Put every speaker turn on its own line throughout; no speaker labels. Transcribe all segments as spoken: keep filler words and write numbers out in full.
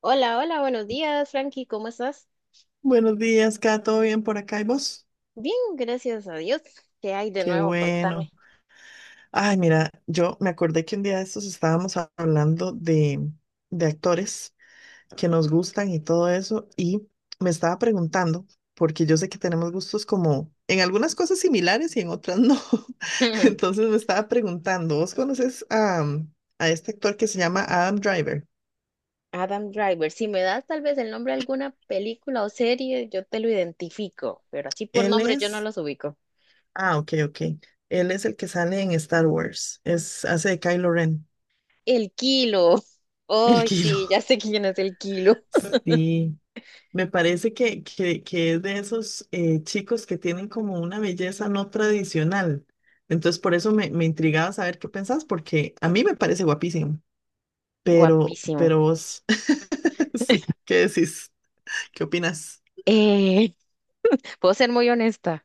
Hola, hola, buenos días, Frankie, ¿cómo estás?
Buenos días, Kat, ¿todo bien por acá y vos?
Bien, gracias a Dios. ¿Qué hay de
Qué
nuevo?
bueno.
Contame.
Ay, mira, yo me acordé que un día de estos estábamos a- hablando de, de actores que nos gustan y todo eso, y me estaba preguntando, porque yo sé que tenemos gustos como en algunas cosas similares y en otras no. Entonces me estaba preguntando, ¿vos conoces a, a este actor que se llama Adam Driver?
Adam Driver, si me das tal vez el nombre de alguna película o serie, yo te lo identifico, pero así por
Él
nombre yo no
es,
los ubico.
ah, ok, ok. Él es el que sale en Star Wars, es, hace de Kylo Ren,
El Kilo.
el
Ay,
que
sí, ya sé quién es el Kilo.
sí, me parece que, que, que es de esos eh, chicos que tienen como una belleza no tradicional. Entonces, por eso me, me intrigaba saber qué pensás, porque a mí me parece guapísimo, pero,
Guapísimo.
pero vos, sí, ¿qué decís? ¿Qué opinas?
Eh, puedo ser muy honesta.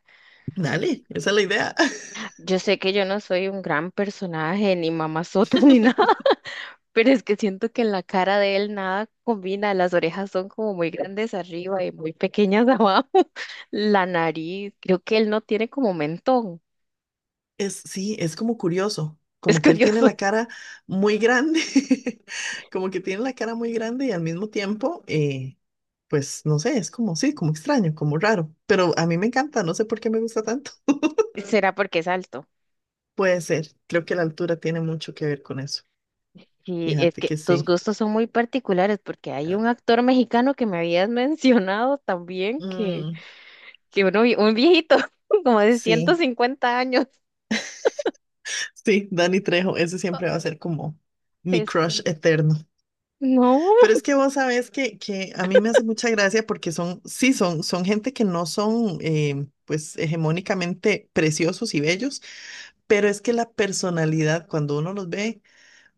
Dale, esa es la idea.
Yo sé que yo no soy un gran personaje, ni mamazota, ni nada. Pero es que siento que en la cara de él nada combina, las orejas son como muy grandes arriba y muy pequeñas abajo, la nariz, creo que él no tiene como mentón,
Es, sí, es como curioso,
es
como que él tiene
curioso.
la cara muy grande, como que tiene la cara muy grande y al mismo tiempo, eh, pues no sé, es como, sí, como extraño, como raro, pero a mí me encanta, no sé por qué me gusta tanto.
Será porque es alto.
Puede ser, creo que la altura tiene mucho que ver con eso,
Sí, es
fíjate que
que tus
sí.
gustos son muy particulares porque hay un actor mexicano que me habías mencionado también que,
Mm,
que uno, vi- un viejito como de ciento
sí,
cincuenta años.
sí, Dani Trejo, ese siempre va a ser como mi
Es,
crush eterno.
no.
Pero es que vos sabés que, que a mí me hace mucha gracia porque son, sí, son, son gente que no son, eh, pues, hegemónicamente preciosos y bellos, pero es que la personalidad, cuando uno los ve,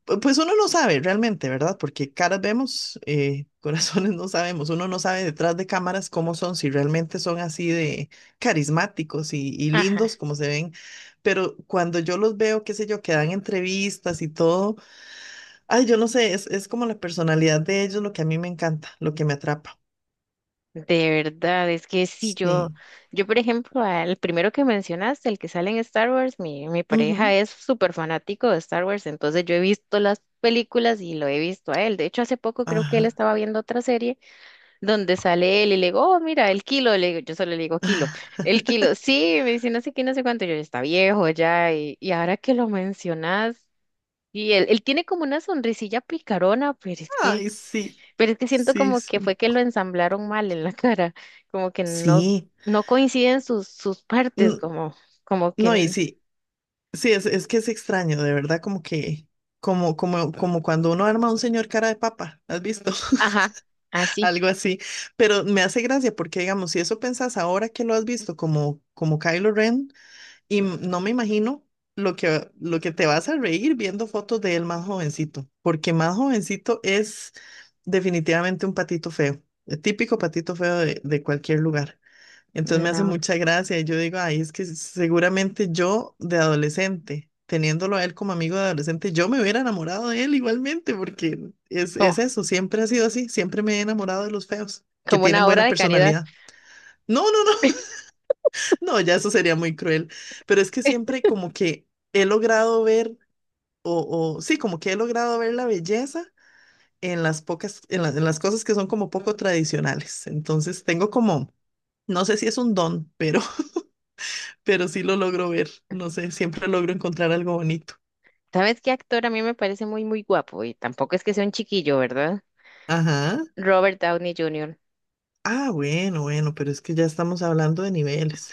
pu- pues uno no sabe realmente, ¿verdad? Porque caras vemos, eh, corazones no sabemos, uno no sabe detrás de cámaras cómo son, si realmente son así de carismáticos y, y lindos
Ajá.
como se ven, pero cuando yo los veo, qué sé yo, que dan entrevistas y todo. Ay, yo no sé, es, es como la personalidad de ellos lo que a mí me encanta, lo que me atrapa.
De verdad, es que sí, yo,
Sí.
yo por ejemplo, al primero que mencionaste, el que sale en Star Wars, mi, mi pareja
Ujú.
es súper fanático de Star Wars, entonces yo he visto las películas y lo he visto a él. De hecho, hace poco creo que
Ajá.
él estaba viendo otra serie donde sale él y le digo, oh, mira, el kilo, le digo- yo solo le digo kilo, el kilo, sí, me dice no sé qué, no sé cuánto, yo "Ya está viejo ya", y, y ahora que lo mencionas, y él, él tiene como una sonrisilla picarona, pero es que...
Ay, sí.
Pero es que siento
Sí,
como que
sí.
fue que lo ensamblaron mal en la cara, como que no,
Sí.
no coinciden sus, sus partes,
N-
como, como que,
No, y
n-
sí, sí, es, es que es extraño, de verdad, como que, como, como, como cuando uno arma a un señor cara de papa, ¿has visto?
ajá, así,
Algo así. Pero me hace gracia porque, digamos, si eso pensás ahora que lo has visto como, como Kylo Ren. Y m- no me imagino lo que, lo que te vas a reír viendo fotos de él más jovencito, porque más jovencito es definitivamente un patito feo, el típico patito feo de, de cualquier lugar. Entonces me hace
no,
mucha gracia y yo digo, ay, es que seguramente yo de adolescente, teniéndolo a él como amigo de adolescente, yo me hubiera enamorado de él igualmente, porque es, es
como,
eso, siempre ha sido así, siempre me he enamorado de los feos, que
como
tienen
una obra
buena
de caridad.
personalidad. No, no, no. No, ya eso sería muy cruel, pero es que siempre como que he logrado ver, o, o sí, como que he logrado ver la belleza en las pocas, en la- en las cosas que son como poco tradicionales. Entonces tengo como, no sé si es un don, pero, pero sí lo logro ver, no sé, siempre logro encontrar algo bonito.
¿Sabes qué actor a mí me parece muy, muy guapo? Y tampoco es que sea un chiquillo, ¿verdad?
Ajá.
Robert Downey junior
Ah, bueno, bueno, pero es que ya estamos hablando de niveles,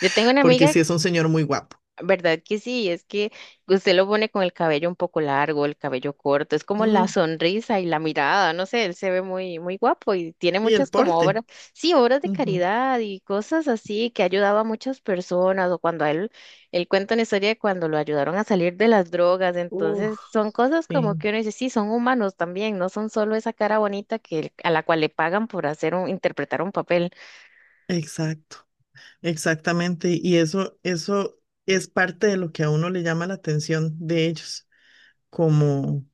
Yo tengo una
porque
amiga.
sí es un señor muy guapo.
¿Verdad que sí? Es que usted lo pone con el cabello un poco largo, el cabello corto, es como la
Mm,
sonrisa y la mirada, no sé, él se ve muy, muy guapo y tiene
y el
muchas como
porte.
obras, sí, obras de
Ujú.
caridad y cosas así, que ha ayudado a muchas personas o cuando a él, él cuenta una historia de cuando lo ayudaron a salir de las drogas,
Uf,
entonces son cosas
sí,
como que uno dice, sí, son humanos también, no son solo esa cara bonita que, a la cual le pagan por hacer un, interpretar un papel.
exacto. Exactamente, y eso, eso es parte de lo que a uno le llama la atención de ellos, como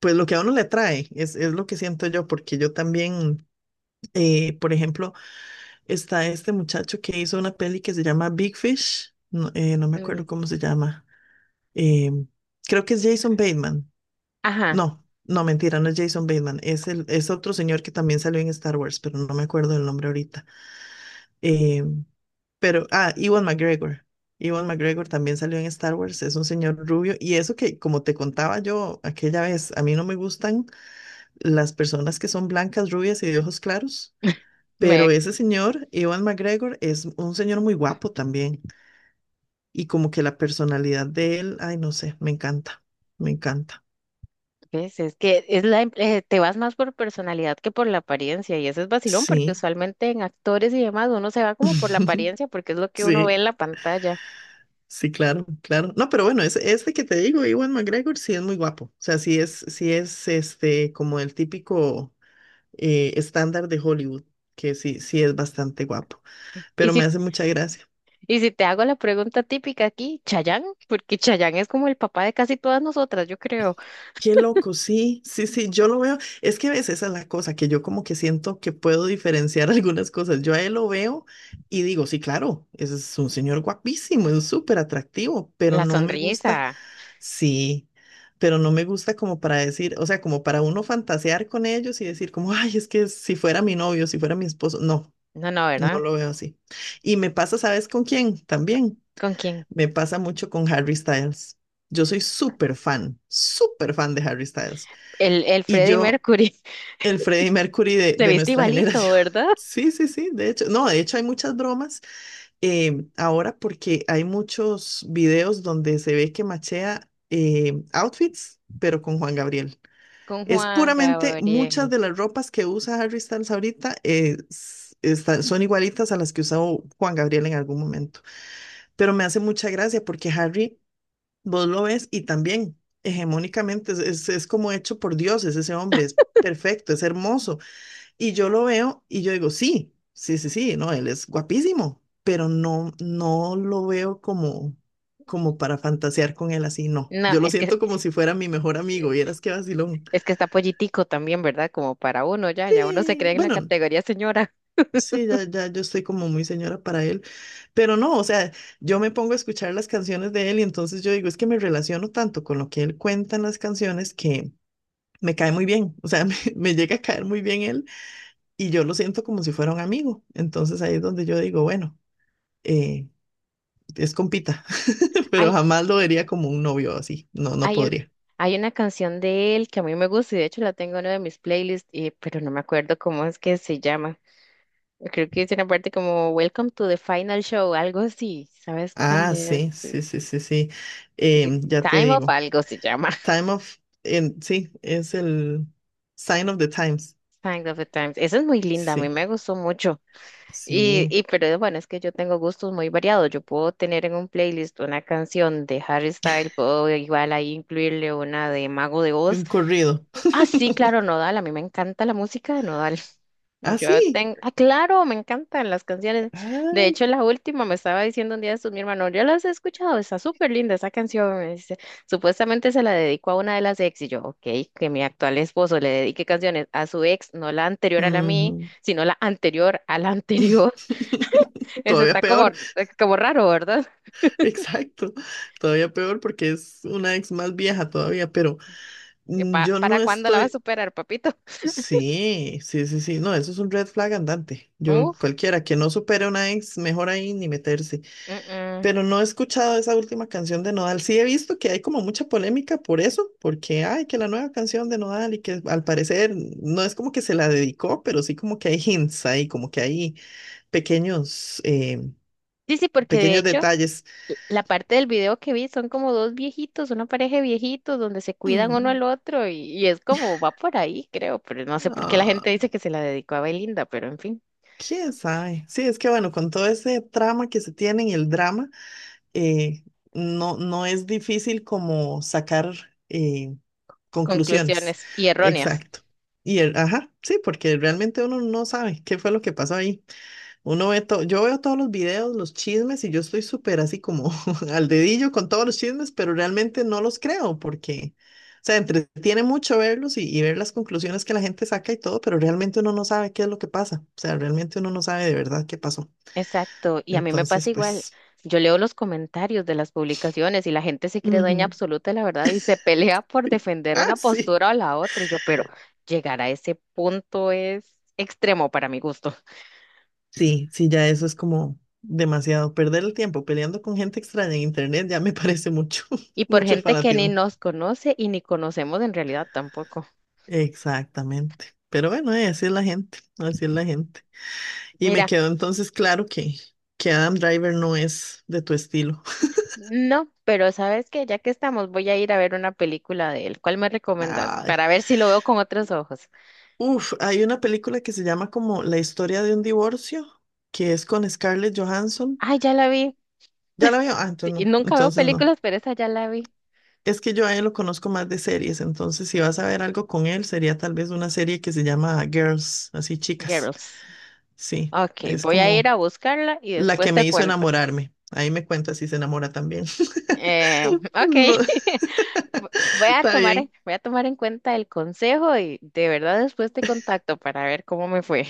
pues lo que a uno le trae, es, es lo que siento yo, porque yo también, eh, por ejemplo, está este muchacho que hizo una peli que se llama Big Fish, no, eh, no me
Ujú.
acuerdo cómo se llama, eh, creo que es Jason Bateman,
Ajá.
no, no, mentira, no es Jason Bateman, es, el, es otro señor que también salió en Star Wars, pero no me acuerdo el nombre ahorita. eh, Pero, ah, Ewan McGregor. Ewan McGregor también salió en Star Wars, es un señor rubio. Y eso que, como te contaba yo aquella vez, a mí no me gustan las personas que son blancas, rubias y de ojos claros.
Me
Pero ese señor, Ewan McGregor, es un señor muy guapo también. Y como que la personalidad de él, ay, no sé, me encanta, me encanta.
¿ves? Es que es la, em- eh, te vas más por personalidad que por la apariencia, y eso es vacilón, porque
Sí,
usualmente en actores y demás uno se va como por la apariencia, porque es lo que uno ve
sí,
en la pantalla.
sí, claro, claro. No, pero bueno, ese, ese que te digo, Ewan McGregor, sí es muy guapo. O sea, sí es, sí es este, como el típico. Eh, estándar de Hollywood, que sí, sí es bastante guapo,
Y
pero me
si,
hace mucha gracia.
y si te hago la pregunta típica aquí, Chayanne, porque Chayanne es como el papá de casi todas nosotras, yo creo.
Qué loco, sí, sí, sí, yo lo veo. Es que a veces esa es la cosa, que yo como que siento que puedo diferenciar algunas cosas. Yo a él lo veo y digo, sí, claro, ese es un señor guapísimo, es súper atractivo, pero
La
no me
sonrisa.
gusta, sí, pero no me gusta como para decir, o sea, como para uno fantasear con ellos y decir como, ay, es que si fuera mi novio, si fuera mi esposo, no,
No, no,
no
¿verdad?
lo veo así. Y me pasa, ¿sabes con quién? También
¿Con quién?
me pasa mucho con Harry Styles. Yo soy súper fan, súper fan de Harry Styles.
El, el
Y
Freddie
yo,
Mercury.
el Freddie Mercury de,
Se
de
viste
nuestra
igualito,
generación.
¿verdad?
Sí, sí, sí, de hecho. No, de hecho hay muchas bromas eh, ahora porque hay muchos videos donde se ve que machea eh, outfits, pero con Juan Gabriel.
Con
Es
Juan
puramente muchas
Gabriel.
de las ropas que usa Harry Styles ahorita eh, s- están- son igualitas a las que usó Juan Gabriel en algún momento. Pero me hace mucha gracia porque Harry vos lo ves y también hegemónicamente es, es- es como hecho por dioses ese hombre, es perfecto, es hermoso. Y yo lo veo y yo digo, sí, sí, sí, sí, no, él es guapísimo, pero no, no lo veo como, como para fantasear con él así, no.
No,
Yo lo
es que
siento como si fuera mi mejor amigo, vieras qué vacilón.
es que está pollitico también, ¿verdad? Como para uno ya, ya uno se
Sí,
cree en la
bueno,
categoría señora.
sí, ya, ya yo estoy como muy señora para él, pero no, o sea, yo me pongo a escuchar las canciones de él y entonces yo digo, es que me relaciono tanto con lo que él cuenta en las canciones que me cae muy bien, o sea, me, me llega a caer muy bien él y yo lo siento como si fuera un amigo. Entonces ahí es donde yo digo, bueno, eh, es compita, pero
Hay,
jamás lo vería como un novio así, no, no
hay un,
podría.
hay una canción de él que a mí me gusta y de hecho la tengo en una de mis playlists, y- pero no me acuerdo cómo es que se llama. Creo que es una parte como Welcome to the Final Show, algo así. ¿Sabes cuál
Ah,
es?
sí, sí, sí, sí, sí,
The
em, ya te
Time of
digo,
algo se llama.
Time of, en- sí, es el Sign of the Times,
Sign of the Times. Esa es muy linda, a mí
sí,
me gustó mucho. Y,
sí,
y pero bueno, es que yo tengo gustos muy variados. Yo puedo tener en un playlist una canción de Harry Styles, puedo igual ahí incluirle una de Mago de
y
Oz.
un corrido.
Ah, sí, claro, Nodal. A mí me encanta la música de Nodal.
Ah,
Yo
sí,
tengo, ah, claro, me encantan las canciones. De
ay,
hecho, la última me estaba diciendo un día esto mi hermano, yo las he escuchado, está súper linda esa canción. Me dice, supuestamente se la dedicó a una de las ex y yo, ok, que mi actual esposo le dedique canciones a su ex, no la anterior a la mí,
ujú.
sino la anterior a la anterior. Eso
Todavía
está como,
peor.
eh, como raro, ¿verdad?
Exacto, todavía peor porque es una ex más vieja todavía, pero
Eh,
mm,
pa-
yo no
¿para cuándo la va a
estoy,
superar, papito?
sí, sí, sí, sí, no, eso es un red flag andante. Yo,
Uf.
cualquiera que no supere a una ex, mejor ahí ni meterse.
Mm, mm.
Pero no he escuchado esa última canción de Nodal. Sí he visto que hay como mucha polémica por eso, porque ay, que la nueva canción de Nodal y que al parecer no es como que se la dedicó, pero sí como que hay hints ahí, como que hay pequeños, eh,
Sí, sí, porque de
pequeños
hecho,
detalles.
la parte del video que vi son como dos viejitos, una pareja de viejitos donde se cuidan uno
Mm,
al otro y, y es como va por ahí, creo, pero no sé por qué la
ah.
gente dice que se la dedicó a Belinda, pero en fin,
¿Quién sabe? Sí, es que bueno, con todo ese trama que se tiene y el drama, eh, no, no es difícil como sacar eh, conclusiones.
conclusiones y erróneas.
Exacto. Y el, ajá, sí, porque realmente uno no sabe qué fue lo que pasó ahí. Uno ve todo, yo veo todos los videos, los chismes, y yo estoy súper así como al dedillo con todos los chismes, pero realmente no los creo porque, o sea, entretiene mucho verlos y, y ver las conclusiones que la gente saca y todo, pero realmente uno no sabe qué es lo que pasa. O sea, realmente uno no sabe de verdad qué pasó.
Exacto, y a mí me
Entonces,
pasa igual.
pues,
Yo leo los comentarios de las publicaciones y la gente se cree dueña
ujú,
absoluta de la verdad y se pelea por
sí.
defender
Ah,
una
sí.
postura o la otra. Y yo, pero llegar a ese punto es extremo para mi gusto.
Sí, sí, ya eso es como demasiado. Perder el tiempo peleando con gente extraña en internet ya me parece mucho,
Y por
mucho
gente que ni
fanatismo.
nos conoce y ni conocemos en realidad tampoco.
Exactamente. Pero bueno, eh, así es la gente, así es la gente. Y me
Mira,
quedó entonces claro que, que Adam Driver no es de tu estilo.
no, pero sabes que ya que estamos, voy a ir a ver una película de él. ¿Cuál me recomiendas?
Ay.
Para ver si lo veo con otros ojos.
Uf, hay una película que se llama como La historia de un divorcio, que es con Scarlett Johansson.
Ay, ya la vi.
¿Ya la veo? Ah, entonces
Y
no,
nunca veo
entonces no.
películas, pero esa ya la vi.
Es que yo a él lo conozco más de series, entonces si vas a ver algo con él, sería tal vez una serie que se llama Girls, así chicas.
Girls.
Sí,
Ok,
es
voy a ir
como
a buscarla y
la
después
que me
te
hizo
cuento.
enamorarme. Ahí me cuenta si se enamora también.
Eh, ok,
No.
vo- voy a
Está
tomar, en-
bien,
voy a tomar en cuenta el consejo y de verdad después te contacto para ver cómo me fue.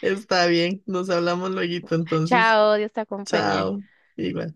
está bien. Nos hablamos luego entonces.
Chao, Dios te acompañe.
Chao. Igual.